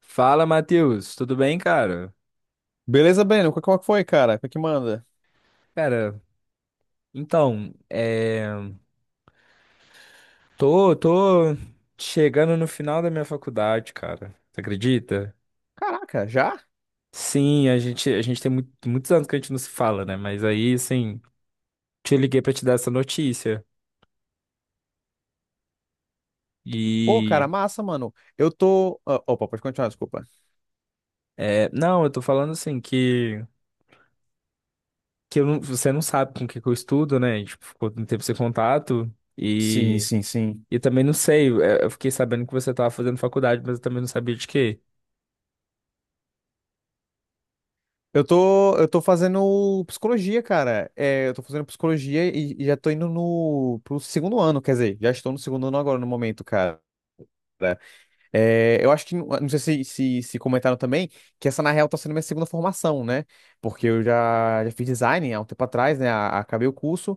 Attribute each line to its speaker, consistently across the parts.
Speaker 1: Fala, Matheus, tudo bem, cara?
Speaker 2: Beleza, Breno? Qual que foi, cara? Qual que manda?
Speaker 1: Cara, então, é... tô chegando no final da minha faculdade, cara. Você acredita?
Speaker 2: Caraca, já?
Speaker 1: Sim, a gente tem muitos anos que a gente não se fala, né? Mas aí, assim, te liguei pra te dar essa notícia.
Speaker 2: Pô,
Speaker 1: E,
Speaker 2: cara, massa, mano. Opa, pode continuar, desculpa.
Speaker 1: não, eu tô falando assim que eu não- você não sabe com o que que eu estudo, né? A gente ficou um tempo sem contato
Speaker 2: Sim,
Speaker 1: e,
Speaker 2: sim, sim.
Speaker 1: e também não sei. Eu fiquei sabendo que você tava fazendo faculdade, mas eu também não sabia de quê.
Speaker 2: Eu tô fazendo psicologia, cara. Eu tô fazendo psicologia e já tô indo no, pro segundo ano, quer dizer, já estou no segundo ano agora no momento, cara. É, eu acho que, não sei se comentaram também, que essa na real tá sendo minha segunda formação, né? Porque eu já fiz design há um tempo atrás, né? Acabei o curso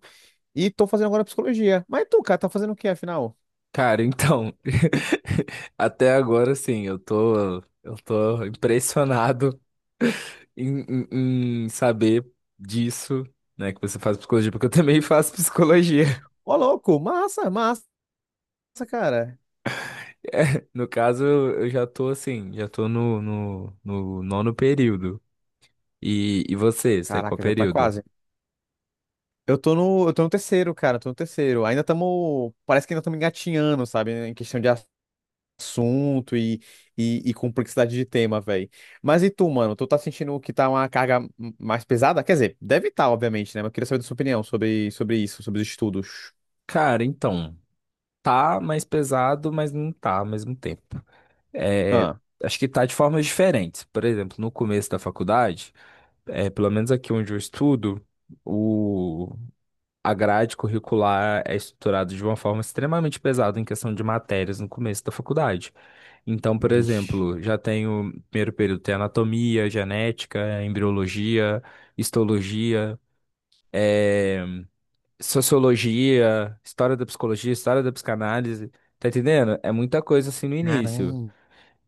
Speaker 2: e tô fazendo agora psicologia. Mas tu, cara, tá fazendo o que afinal?
Speaker 1: Cara, então, até agora sim, eu tô impressionado em, em saber disso, né, que você faz psicologia, porque eu também faço psicologia.
Speaker 2: Ô, louco, massa, massa, cara.
Speaker 1: É, no caso, eu já tô assim, já tô no nono período. E, você tá em qual
Speaker 2: Caraca, já tá
Speaker 1: período?
Speaker 2: quase. Eu tô no terceiro, cara, tô no terceiro. Ainda estamos, parece que ainda estamos engatinhando, sabe, em questão de assunto e complexidade de tema, velho. Mas e tu, mano? Tu tá sentindo que tá uma carga mais pesada? Quer dizer, deve estar, obviamente, né? Mas eu queria saber da sua opinião sobre, sobre isso, sobre os estudos.
Speaker 1: Cara, então, tá mais pesado, mas não tá ao mesmo tempo. É,
Speaker 2: Ah,
Speaker 1: acho que tá de formas diferentes. Por exemplo, no começo da faculdade. É, pelo menos aqui onde eu estudo, o... a grade curricular é estruturada de uma forma extremamente pesada em questão de matérias no começo da faculdade. Então, por
Speaker 2: vixe.
Speaker 1: exemplo, já tenho, primeiro período, tem anatomia, genética, embriologia, histologia, eh, sociologia, história da psicologia, história da psicanálise. Tá entendendo? É muita coisa assim no início.
Speaker 2: Caramba.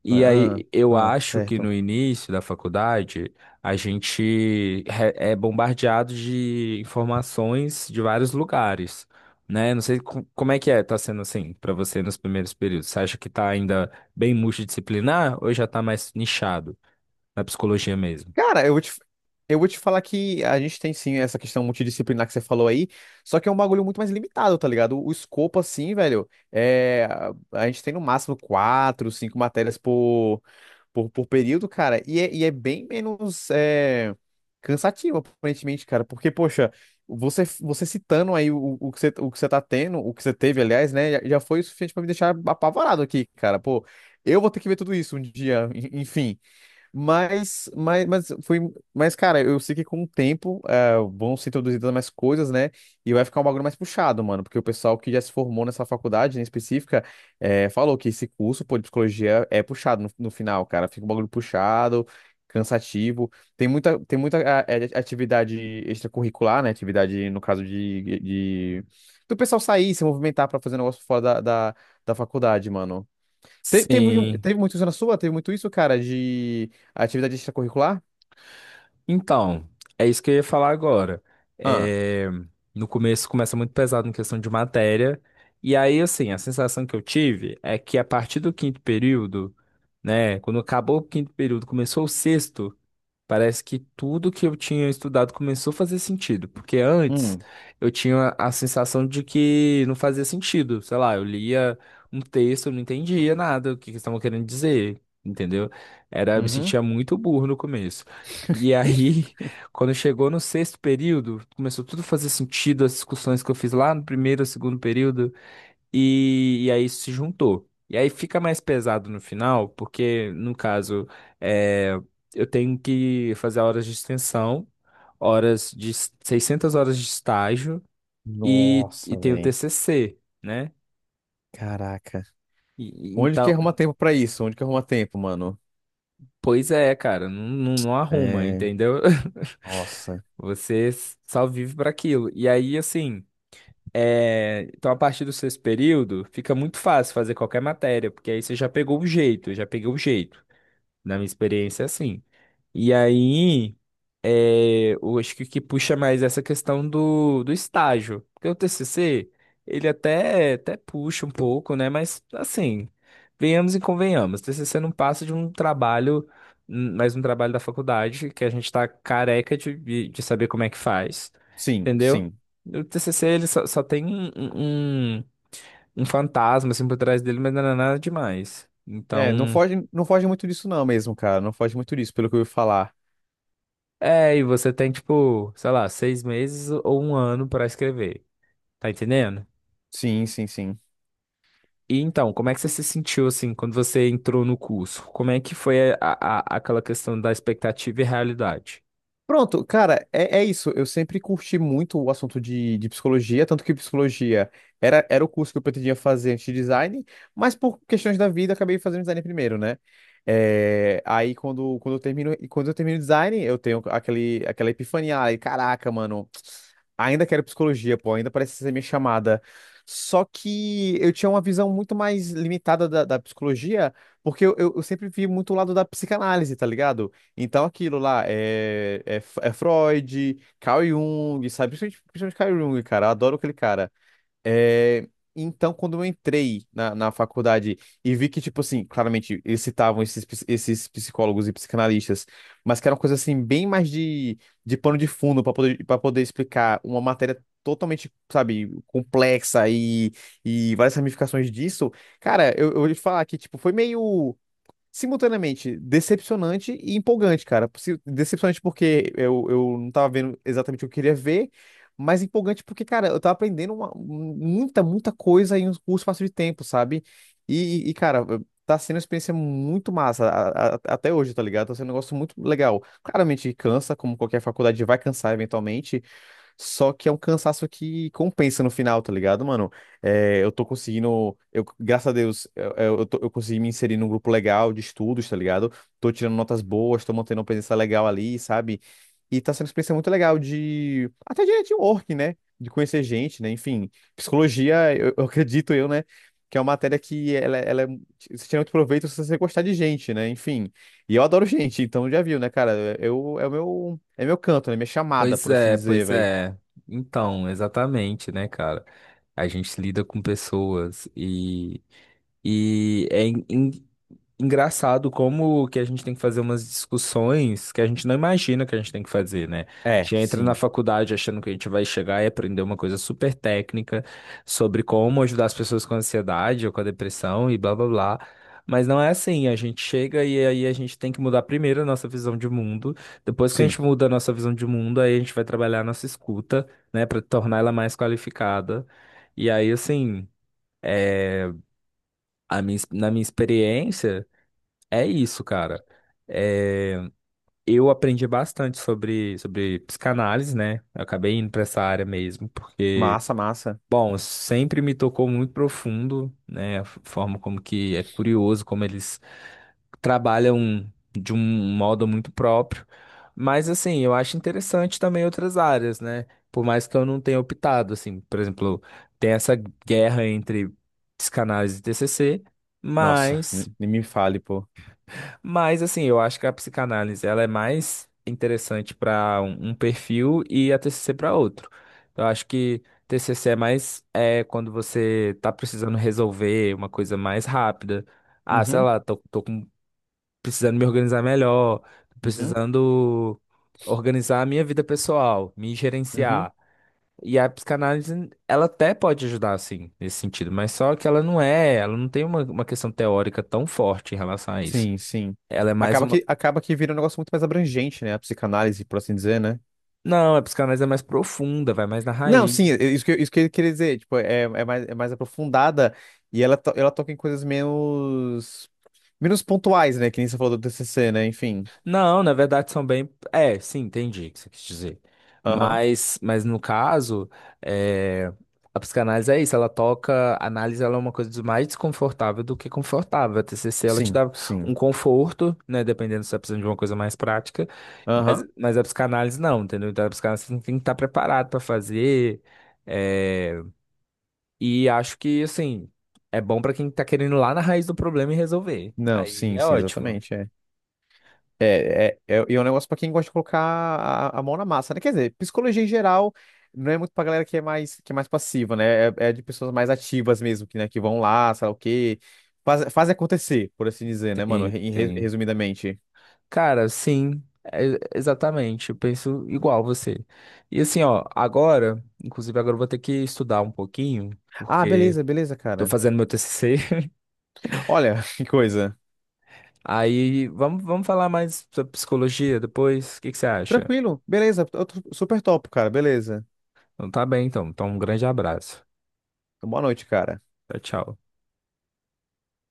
Speaker 1: E aí,
Speaker 2: Ah,
Speaker 1: eu
Speaker 2: ah,
Speaker 1: acho que
Speaker 2: certo.
Speaker 1: no início da faculdade, é bombardeado de informações de vários lugares, né? Não sei como é que é, tá sendo assim para você nos primeiros períodos. Você acha que tá ainda bem multidisciplinar ou já tá mais nichado na psicologia mesmo?
Speaker 2: Cara, eu vou te falar que a gente tem sim essa questão multidisciplinar que você falou aí, só que é um bagulho muito mais limitado, tá ligado? O escopo, assim, velho, a gente tem no máximo quatro, cinco matérias por período, cara, e é bem menos cansativo, aparentemente, cara, porque, poxa, você citando aí o que você tá tendo, o que você teve, aliás, né, já foi o suficiente pra me deixar apavorado aqui, cara, pô. Eu vou ter que ver tudo isso um dia, enfim. Mas foi. Mas, cara, eu sei que com o tempo vão se introduzindo mais coisas, né? E vai ficar um bagulho mais puxado, mano. Porque o pessoal que já se formou nessa faculdade, em específica, é, falou que esse curso, pô, de psicologia é puxado no final, cara. Fica um bagulho puxado, cansativo. Tem muita atividade extracurricular, né? Atividade, no caso, do pessoal sair, se movimentar pra fazer um negócio fora da faculdade, mano. Teve, um,
Speaker 1: Sim.
Speaker 2: teve muito isso na sua? Teve muito isso, cara, de atividade extracurricular?
Speaker 1: Então, é isso que eu ia falar agora.
Speaker 2: Ah,
Speaker 1: É, no começo começa muito pesado em questão de matéria, e aí, assim, a sensação que eu tive é que a partir do quinto período, né, quando acabou o quinto período, começou o sexto. Parece que tudo que eu tinha estudado começou a fazer sentido, porque antes
Speaker 2: hum,
Speaker 1: eu tinha a sensação de que não fazia sentido. Sei lá, eu lia um texto, eu não entendia nada o que que eles estavam querendo dizer, entendeu? Era, eu me
Speaker 2: uhum.
Speaker 1: sentia muito burro no começo. E aí, quando chegou no sexto período, começou tudo a fazer sentido, as discussões que eu fiz lá no primeiro, segundo período. E aí isso se juntou. E aí fica mais pesado no final, porque, no caso, é, eu tenho que fazer horas de extensão, 600 horas de estágio e
Speaker 2: Nossa,
Speaker 1: tenho
Speaker 2: velho.
Speaker 1: TCC, né?
Speaker 2: Caraca.
Speaker 1: E
Speaker 2: Onde que
Speaker 1: então,
Speaker 2: arruma tempo pra isso? Onde que arruma tempo, mano?
Speaker 1: pois é, cara, não arruma,
Speaker 2: É.
Speaker 1: entendeu?
Speaker 2: Nossa.
Speaker 1: Você só vive para aquilo. E aí, assim, é, então a partir do sexto período, fica muito fácil fazer qualquer matéria, porque aí você já pegou o jeito, já peguei o jeito. Na minha experiência, é assim. E aí, é, eu acho que o que puxa mais é essa questão do estágio. Porque o TCC, ele até puxa um pouco, né? Mas, assim, venhamos e convenhamos. TCC não passa de um trabalho, mais um trabalho da faculdade, que a gente tá careca de, de saber como é que faz,
Speaker 2: Sim,
Speaker 1: entendeu?
Speaker 2: sim.
Speaker 1: O TCC, ele só tem um um fantasma, assim, por trás dele, mas não é nada demais.
Speaker 2: É,
Speaker 1: Então.
Speaker 2: não foge muito disso, não, mesmo, cara. Não foge muito disso, pelo que eu ouvi falar.
Speaker 1: É, e você tem, tipo, sei lá, 6 meses ou um ano pra escrever. Tá entendendo?
Speaker 2: Sim, sim, sim.
Speaker 1: E então, como é que você se sentiu, assim, quando você entrou no curso? Como é que foi aquela questão da expectativa e realidade?
Speaker 2: Pronto, cara, é isso. Eu sempre curti muito o assunto de psicologia, tanto que psicologia era o curso que eu pretendia fazer antes de design, mas por questões da vida acabei fazendo design primeiro, né? É, quando eu termino, e quando eu termino design, eu tenho aquela epifania, ai, caraca, mano, ainda quero psicologia, pô, ainda parece ser minha chamada. Só que eu tinha uma visão muito mais limitada da psicologia, porque eu sempre vi muito o lado da psicanálise, tá ligado? Então, aquilo lá é Freud, Carl Jung, sabe? Principalmente, principalmente Carl Jung, cara. Eu adoro aquele cara. É, então, quando eu entrei na faculdade e vi que, tipo assim, claramente eles citavam esses psicólogos e psicanalistas, mas que era uma coisa assim, bem mais de pano de fundo para poder explicar uma matéria totalmente, sabe, complexa e várias ramificações disso. Eu vou te falar que, tipo, foi meio simultaneamente decepcionante e empolgante, cara. Decepcionante porque eu não tava vendo exatamente o que eu queria ver, mas empolgante porque, cara, eu tava aprendendo muita coisa em um curto espaço de tempo, sabe? Cara, tá sendo uma experiência muito massa até hoje, tá ligado? Tá sendo um negócio muito legal. Claramente cansa, como qualquer faculdade vai cansar eventualmente, só que é um cansaço que compensa no final, tá ligado, mano? É, eu tô conseguindo, eu, graças a Deus, eu consegui me inserir num grupo legal de estudos, tá ligado? Tô tirando notas boas, tô mantendo uma presença legal ali, sabe? E tá sendo uma experiência muito legal de, até de network, né? De conhecer gente, né? Enfim, psicologia, eu acredito eu, né? Que é uma matéria que você tira muito proveito se você gostar de gente, né? Enfim. E eu adoro gente, então já viu, né, cara? Eu, é o meu, é meu canto, né? Minha chamada,
Speaker 1: Pois
Speaker 2: por assim
Speaker 1: é,
Speaker 2: dizer,
Speaker 1: pois
Speaker 2: velho.
Speaker 1: é. Então, exatamente, né, cara? A gente lida com pessoas e E é en- en- engraçado como que a gente tem que fazer umas discussões que a gente não imagina que a gente tem que fazer, né? A
Speaker 2: É,
Speaker 1: gente entra na
Speaker 2: sim,
Speaker 1: faculdade achando que a gente vai chegar e aprender uma coisa super técnica sobre como ajudar as pessoas com ansiedade ou com a depressão e blá blá blá. Mas não é assim, a gente chega e aí a gente tem que mudar primeiro a nossa visão de mundo. Depois que a
Speaker 2: sim.
Speaker 1: gente muda a nossa visão de mundo, aí a gente vai trabalhar a nossa escuta, né, para tornar ela mais qualificada. E aí, assim, a minha, na minha experiência. É isso, cara. É, eu aprendi bastante sobre psicanálise, né? Eu acabei indo para essa área mesmo, porque,
Speaker 2: Massa, massa.
Speaker 1: bom, sempre me tocou muito profundo, né? A forma como que é curioso, como eles trabalham de um modo muito próprio. Mas, assim, eu acho interessante também outras áreas, né? Por mais que eu não tenha optado, assim, por exemplo, tem essa guerra entre psicanálise e TCC,
Speaker 2: Nossa,
Speaker 1: mas.
Speaker 2: nem me fale, pô.
Speaker 1: Mas assim, eu acho que a psicanálise ela é mais interessante para um perfil e a TCC para outro. Eu acho que TCC é mais é quando você tá precisando resolver uma coisa mais rápida. Ah, sei
Speaker 2: Uhum,
Speaker 1: lá, precisando me organizar melhor, tô
Speaker 2: uhum,
Speaker 1: precisando organizar a minha vida pessoal, me
Speaker 2: uhum.
Speaker 1: gerenciar. E a psicanálise, ela até pode ajudar, assim, nesse sentido, mas só que ela não é, ela não tem uma questão teórica tão forte em relação a isso.
Speaker 2: Sim, sim.
Speaker 1: Ela é mais uma,
Speaker 2: Acaba que vira um negócio muito mais abrangente, né? A psicanálise, por assim dizer, né?
Speaker 1: não, a psicanálise é mais profunda, vai mais na
Speaker 2: Não, sim,
Speaker 1: raiz.
Speaker 2: é isso isso que eu queria dizer. Tipo, é mais aprofundada e ela toca em coisas menos pontuais, né? Que nem você falou do TCC, né? Enfim.
Speaker 1: Não, na verdade são bem. É, sim, entendi o que você quis dizer.
Speaker 2: Aham.
Speaker 1: Mas no caso, é, a psicanálise é isso, ela toca. A análise ela é uma coisa mais desconfortável do que confortável. A TCC ela te
Speaker 2: Sim,
Speaker 1: dá
Speaker 2: sim.
Speaker 1: um conforto, né? Dependendo se você tá precisando de uma coisa mais prática.
Speaker 2: Aham.
Speaker 1: Mas a psicanálise não, entendeu? Então a psicanálise você tem que estar preparado para fazer. eh, E acho que, assim, é bom pra quem tá querendo ir lá na raiz do problema e resolver.
Speaker 2: Não,
Speaker 1: Aí
Speaker 2: sim,
Speaker 1: é
Speaker 2: sim,
Speaker 1: ótimo.
Speaker 2: exatamente. É. É um negócio pra quem gosta de colocar a mão na massa, né? Quer dizer, psicologia em geral não é muito pra galera que é que é mais passiva, né? É, é de pessoas mais ativas mesmo, que, né, que vão lá, sei lá o quê, faz acontecer, por assim dizer, né, mano?
Speaker 1: Sim, sim.
Speaker 2: Resumidamente.
Speaker 1: Cara, sim, exatamente. Eu penso igual você. E assim, ó, agora, inclusive agora eu vou ter que estudar um pouquinho,
Speaker 2: Ah,
Speaker 1: porque
Speaker 2: beleza, beleza,
Speaker 1: tô
Speaker 2: cara.
Speaker 1: fazendo meu TCC.
Speaker 2: Olha, que coisa.
Speaker 1: Aí vamos, vamos falar mais sobre psicologia depois. O que que você acha?
Speaker 2: Tranquilo, beleza, eu tô super top, cara, beleza.
Speaker 1: Então tá bem, então. Então um grande abraço.
Speaker 2: Boa noite, cara.
Speaker 1: Tchau, tchau.